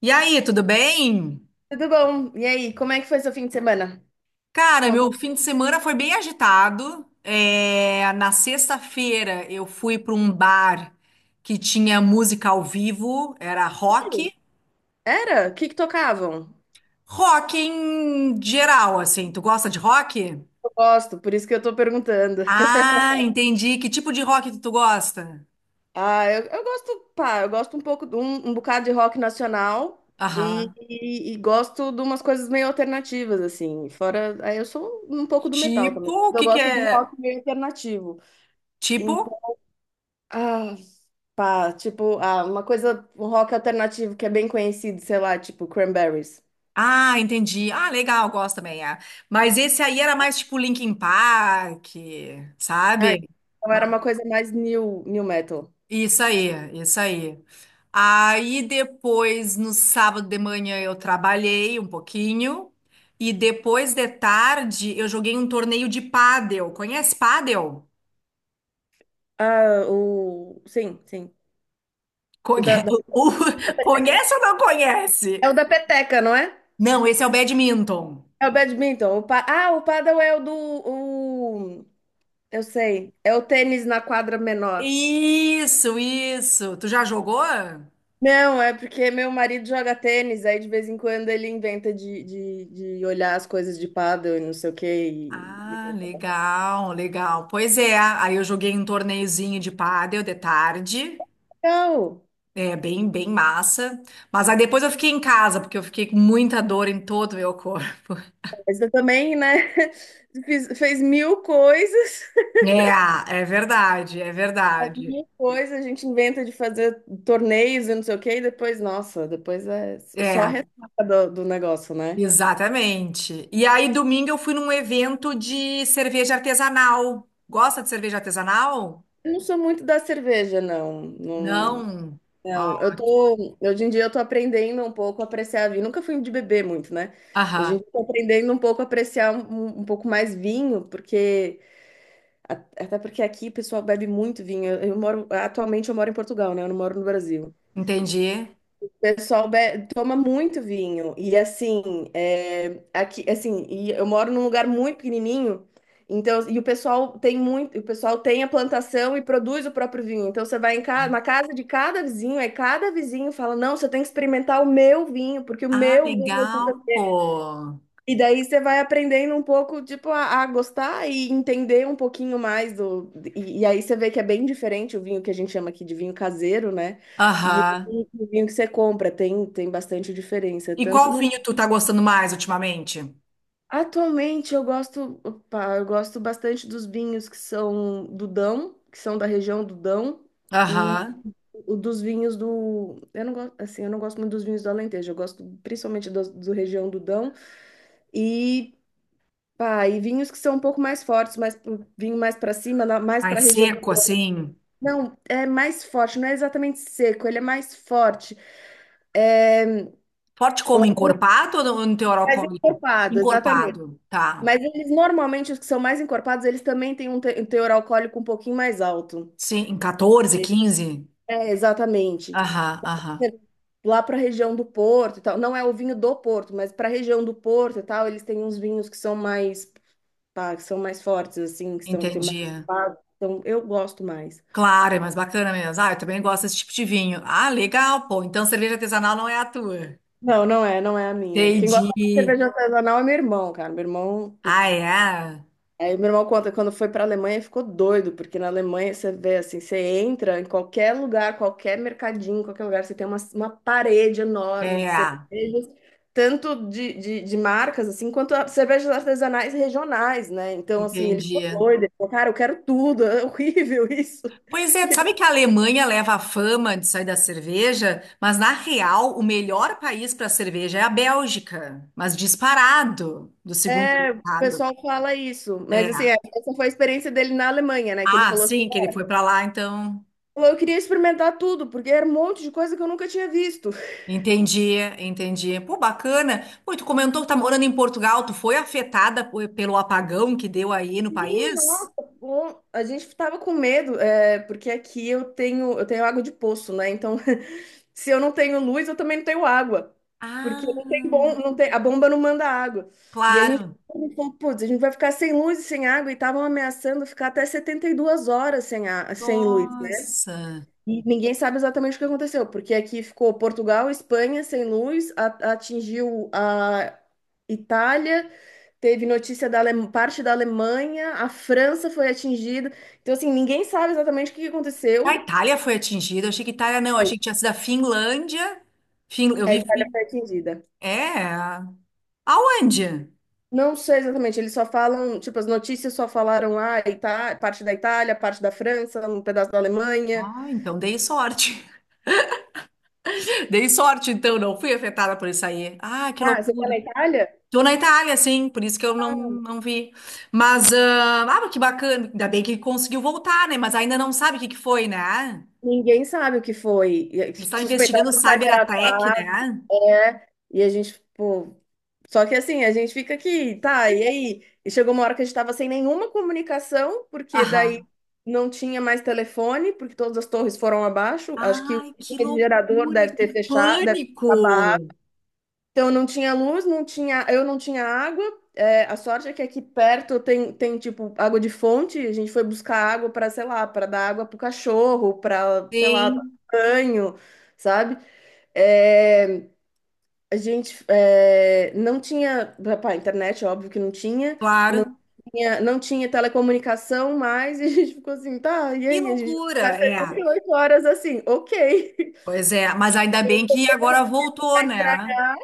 E aí, tudo bem? Tudo bom? E aí, como é que foi seu fim de semana? Cara, Conta meu um fim de semana foi bem agitado. Na sexta-feira eu fui para um bar que tinha música ao vivo, era rock. pouquinho. Era? O que que tocavam? Rock em geral, assim. Tu gosta de rock? Eu gosto, por isso que eu tô perguntando. Ah, entendi. Que tipo de rock tu gosta? Ah, eu gosto, pá, eu gosto um pouco de um bocado de rock nacional e, Aham. e- e gosto de umas coisas meio alternativas, assim. Fora, aí eu sou um pouco do metal Tipo, também. o Eu que que gosto de um é? rock meio alternativo. Então, Tipo? ah, pá, tipo, uma coisa, um rock alternativo que é bem conhecido, sei lá, tipo Cranberries. Ah, entendi. Ah, legal, gosto também. É. Mas esse aí era mais tipo Linkin Park, Ah, sabe? então era uma coisa mais new metal. Isso aí, isso aí. Aí depois, no sábado de manhã, eu trabalhei um pouquinho. E depois de tarde, eu joguei um torneio de pádel. Conhece pádel? Ah, o. Sim, sim. O da, Conhe- da- o- Conhece ou não É o conhece? da peteca, não é? Não, esse é o badminton. É o badminton. O pa... Ah, o paddle é o do. O... Eu sei. É o tênis na quadra menor. Isso, isso. Tu já jogou? Não, é porque meu marido joga tênis, aí de vez em quando ele inventa de olhar as coisas de paddle e não sei o quê. E... e- Ah, legal, legal. Pois é, aí eu joguei um torneiozinho de pádel de tarde. Legal! É bem, bem massa. Mas aí depois eu fiquei em casa, porque eu fiquei com muita dor em todo o meu corpo. Mas eu também, né? Fez mil coisas. É, é verdade, é verdade. Alguma coisa a gente inventa de fazer torneios e não sei o quê, e depois, nossa, depois é É, só a ressaca do, do negócio, né? exatamente. E aí domingo eu fui num evento de cerveja artesanal. Gosta de cerveja artesanal? Eu não sou muito da cerveja, não. Não, Não. Ó, não. Eu tô, hoje em dia eu tô aprendendo um pouco a apreciar vinho. Nunca fui de beber muito, né? Hoje em aham, dia eu tô aprendendo um pouco a apreciar um pouco mais vinho, porque a- até porque aqui o pessoal bebe muito vinho. Eu moro, atualmente eu moro em Portugal, né? Eu não moro no Brasil. entendi. Pessoal be- toma muito vinho. E assim, é, aqui, assim, e eu moro num lugar muito pequenininho. Então, e o pessoal tem muito, o pessoal tem a plantação e produz o próprio vinho. Então você vai em casa na casa de cada vizinho, aí cada vizinho fala: "Não, você tem que experimentar o meu vinho, porque o Ah, meu vinho é legal, especial." pô. E daí você vai aprendendo um pouco, tipo, a gostar e entender um pouquinho mais do. E aí você vê que é bem diferente o vinho que a gente chama aqui de vinho caseiro, né? E o Aham. o vinho que você compra tem, tem bastante diferença. E Tanto qual no. vinho tu tá gostando mais ultimamente? Atualmente eu gosto, opa, eu gosto bastante dos vinhos que são do Dão, que são da região do Dão, e Aham. o dos vinhos do. Eu não gosto, assim, eu não gosto muito dos vinhos do Alentejo, eu gosto principalmente do região do Dão. E pá, e vinhos que são um pouco mais fortes, vinho mais para cima, mais para Mais a região. seco, assim? Não, é mais forte, não é exatamente seco, ele é mais forte, é Forte como? Encorpado ou no teor mais alcoólico? encorpado, exatamente. Encorpado, tá. Mas eles normalmente, os que são mais encorpados, eles também têm um teor alcoólico um pouquinho mais alto. Sim, em 14, 15. É, exatamente. Aham, aham. Lá para a região do Porto e tal, não é o vinho do Porto, mas para a região do Porto e tal, eles têm uns vinhos que são mais, pá, que são mais fortes, assim, que são, tem mais. Entendi. Então, eu gosto mais. Claro, é mais bacana mesmo. Ah, eu também gosto desse tipo de vinho. Ah, legal, pô. Então cerveja artesanal não é a tua. Não, não é, não é a minha. Quem gosta de Entendi. cerveja artesanal é meu irmão, cara. Meu irmão, Ah, putz. é? Aí meu irmão conta que quando foi pra Alemanha ele ficou doido, porque na Alemanha você vê assim, você entra em qualquer lugar, qualquer mercadinho, qualquer lugar, você tem uma parede enorme de É, cervejas, tanto de marcas assim, quanto cervejas artesanais regionais, né? Então, assim, ele ficou entendi. doido, ele falou, cara, eu quero tudo, é horrível isso. Pois é, tu sabe que a Alemanha leva a fama de sair da cerveja, mas na real, o melhor país para cerveja é a Bélgica, mas disparado do segundo É, o colocado. pessoal fala isso, É. mas assim, é, essa foi a experiência dele na Alemanha, né? Que ele Ah, falou sim, que ele foi pra lá, então. eu queria experimentar tudo, porque era um monte de coisa que eu nunca tinha visto. Entendi, entendi. Pô, bacana. Pô, tu comentou que tá morando em Portugal. Tu foi afetada po- pelo apagão que deu aí no Sim, país? nossa, bom. A gente tava com medo, é, porque aqui eu tenho água de poço, né? Então, se eu não tenho luz, eu também não tenho água. Porque Ah, não tem bom, não tem, a bomba não manda água. E a gente claro. falou, putz, a gente vai ficar sem luz e sem água, e estavam ameaçando ficar até 72 horas sem, a, sem luz. Nossa. E ninguém sabe exatamente o que aconteceu, porque aqui ficou Portugal, Espanha sem luz, atingiu a Itália, teve notícia da parte da Alemanha, a França foi atingida. Então, assim, ninguém sabe exatamente o que A aconteceu. Itália foi atingida. Eu achei que Itália não. Foi. Achei que tinha sido a Finlândia. Fin... Eu A vi. Itália Fin... foi atingida. É. Aonde? Não sei exatamente, eles só falam, tipo, as notícias só falaram, ah, parte da Itália, parte da França, um pedaço da Alemanha. Ah, então dei sorte. Dei sorte, então. Não fui afetada por isso aí. Ah, que Ah, você tá loucura. na Itália? Tô na Itália, sim, por isso que eu não, não vi. Mas, ah, ah, que bacana, ainda bem que conseguiu voltar, né? Mas ainda não sabe o que que foi, né? Ninguém sabe o que foi. E aí, Eles estão suspeitaram investigando o um cyber-ataque, cyberataque, né? né? E a gente, pô, só que assim, a gente fica aqui, tá, e aí? E chegou uma hora que a gente tava sem nenhuma comunicação, porque Aham. daí não tinha mais telefone, porque todas as torres foram abaixo. Acho que o Ai, que gerador loucura, deve que ter fechado, deve ter acabado. pânico! Então não tinha luz, não tinha, eu não tinha água. É, a sorte é que aqui perto tem, tem tipo água de fonte. A gente foi buscar água para, sei lá, para dar água pro cachorro, para, sei lá, tomar Sim, banho, sabe? É, a gente não tinha, pá, internet, óbvio que não tinha, claro. Não tinha telecomunicação mais, e a gente ficou assim, tá, e Que aí? A gente loucura, vai ficar é. 78 horas assim, ok, Pois é, mas ainda bem que agora voltou, vai né? estragar.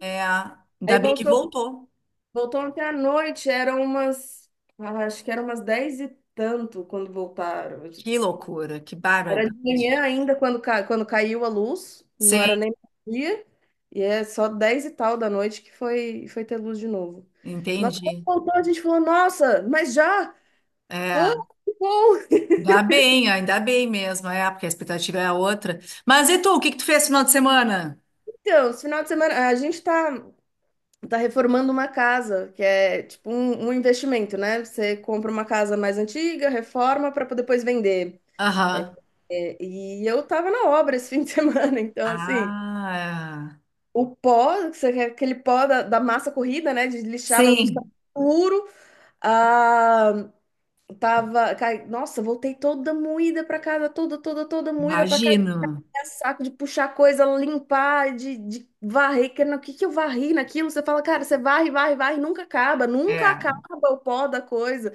É, ainda Aí bem que voltou, voltou. voltou ontem à noite, eram umas, ah, acho que eram umas 10 e tanto quando voltaram. Que loucura, que bárbaro. Era de manhã ainda quando, quando caiu a luz, não era Sim, nem dia, e é só 10 e tal da noite que foi, foi ter luz de novo. Nossa, quando entendi. voltou, a gente falou, nossa, mas já? Ah, É. que bom! Dá bem, ainda bem mesmo, é, porque a expectativa é a outra. Mas e tu, o que que tu fez no final de semana? Então, esse final de semana, a gente tá, tá reformando uma casa, que é tipo um investimento, né? Você compra uma casa mais antiga, reforma para depois vender. Aham. É, e eu tava na obra esse fim de semana, então assim. Ah, O pó, que você quer aquele pó da, da massa corrida, né? De lixar para ficar sim, puro. Ah, tava. Nossa, voltei toda moída para casa, toda, toda, toda moída para casa. imagino. É saco de puxar coisa, limpar, de varrer. Que, o que, que eu varri naquilo? Você fala, cara, você varre, varre, varre, nunca acaba, nunca É, acaba o pó da coisa.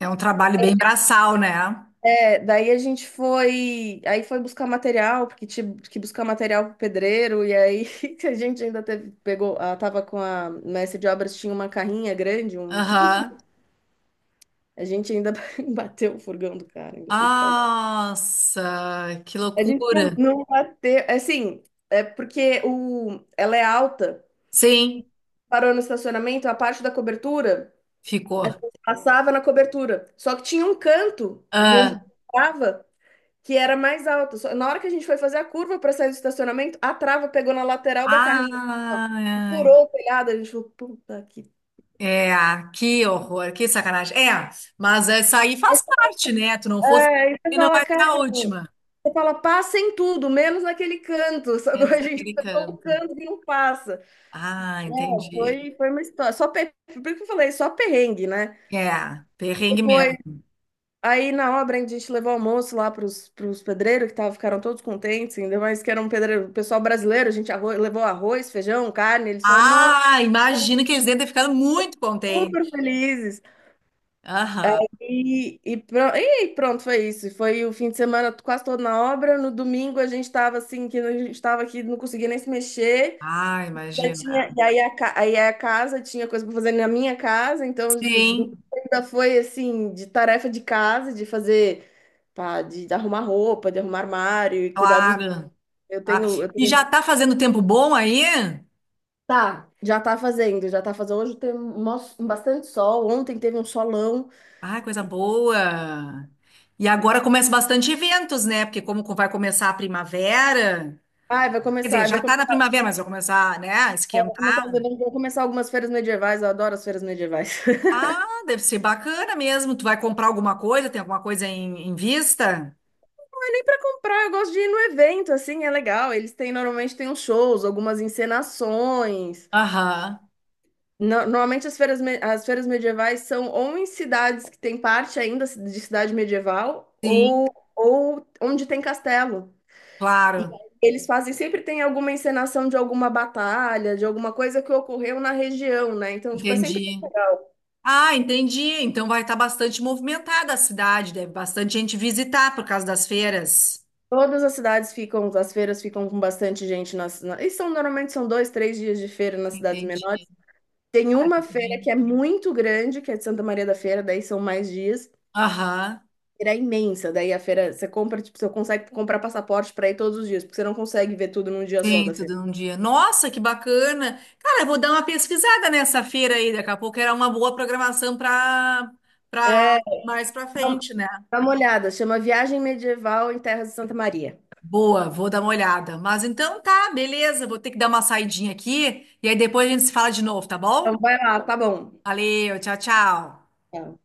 é um trabalho bem braçal, né? É, daí a gente foi, aí foi buscar material, porque tinha que buscar material pro pedreiro, e aí a gente ainda teve, pegou, ela tava com a mestre de obras, tinha uma carrinha grande, um, tipo, um Aham. furgão. A gente ainda bateu o furgão do cara, ainda tem que pagar. Nossa, que A gente não, loucura. não bateu, é assim, é porque o, ela é alta, Sim, parou no estacionamento, a parte da cobertura, ficou. passava na cobertura, só que tinha um canto, não Ah, que era mais alto. Na hora que a gente foi fazer a curva para sair do estacionamento, a trava pegou na lateral da carrinha assim, ó, e ah, furou o telhado. A gente falou, puta que. é, que horror, que sacanagem. É, mas essa aí faz parte, né? Tu não fosse, É, aí você e não fala, vai ser cara, a última. você fala, passa em tudo, menos naquele canto. Só É, que a gente acertou o canto que não passa. ah, entendi. Foi, foi uma história. Só per... Por que eu falei, só perrengue, né? É, perrengue Depois, mesmo. aí na obra a gente levou almoço lá pros, pros pedreiros, que tava, ficaram todos contentes, ainda mais que era um pedreiro, pessoal brasileiro, a gente levou arroz, feijão, carne. Eles falaram, não. Ah, imagino que eles devem ter ficado muito Super contentes. felizes. Aham. E pronto, foi isso. Foi o fim de semana quase todo na obra. No domingo a gente estava assim, que a gente estava aqui, não conseguia nem se mexer. Ah, Já imagina. tinha, e aí a casa tinha coisa para fazer na minha casa, então Sim, ainda foi assim, de tarefa de casa, de fazer, pá, arrumar roupa, de arrumar armário e cuidar dos. claro. Eu Ah, tenho, eu e já tenho. tá fazendo tempo bom aí? Tá, já tá fazendo, já tá fazendo. Hoje tem um, um bastante sol. Ontem teve um solão. Ah, coisa boa. E agora começa bastante eventos, né? Porque como vai começar a primavera, Ai, vai quer dizer, começar. Vai já tá na primavera, mas vai começar, né, a É, esquentar. vou começar algumas feiras medievais, eu adoro as feiras medievais. Ah, deve ser bacana mesmo. Tu vai comprar alguma coisa? Tem alguma coisa em, em vista? Não é nem pra comprar, eu gosto de ir no evento, assim, é legal. Eles têm, normalmente tem uns shows, algumas encenações. Aham. Normalmente as feiras, as feiras medievais são ou em cidades que tem parte ainda de cidade medieval, Sim. Ou onde tem castelo. E Claro, eles fazem, sempre tem alguma encenação de alguma batalha, de alguma coisa que ocorreu na região, né? Então, tipo, é sempre entendi. legal. Ah, entendi. Então vai estar bastante movimentada a cidade, deve bastante gente visitar por causa das feiras. Todas as cidades ficam, as feiras ficam com bastante gente nas, na, e são normalmente são 2, 3 dias de feira nas cidades Entendi, menores. Tem uma feira rapidinho. que é muito grande, que é de Santa Maria da Feira, daí são mais dias. Aham, Feira é imensa, daí a feira você compra, tipo, você consegue comprar passaporte para ir todos os dias, porque você não consegue ver tudo num dia só tem da feira. tudo num dia. Nossa, que bacana. Cara, eu vou dar uma pesquisada nessa feira aí, daqui a pouco era uma boa programação para para É, mais para dá um, frente, né? dá uma olhada, chama Viagem Medieval em Terras de Santa Maria. Boa, vou dar uma olhada. Mas então tá, beleza, vou ter que dar uma saidinha aqui e aí depois a gente se fala de novo, tá Então bom? vai lá, tá bom. Valeu, tchau, tchau. Tá.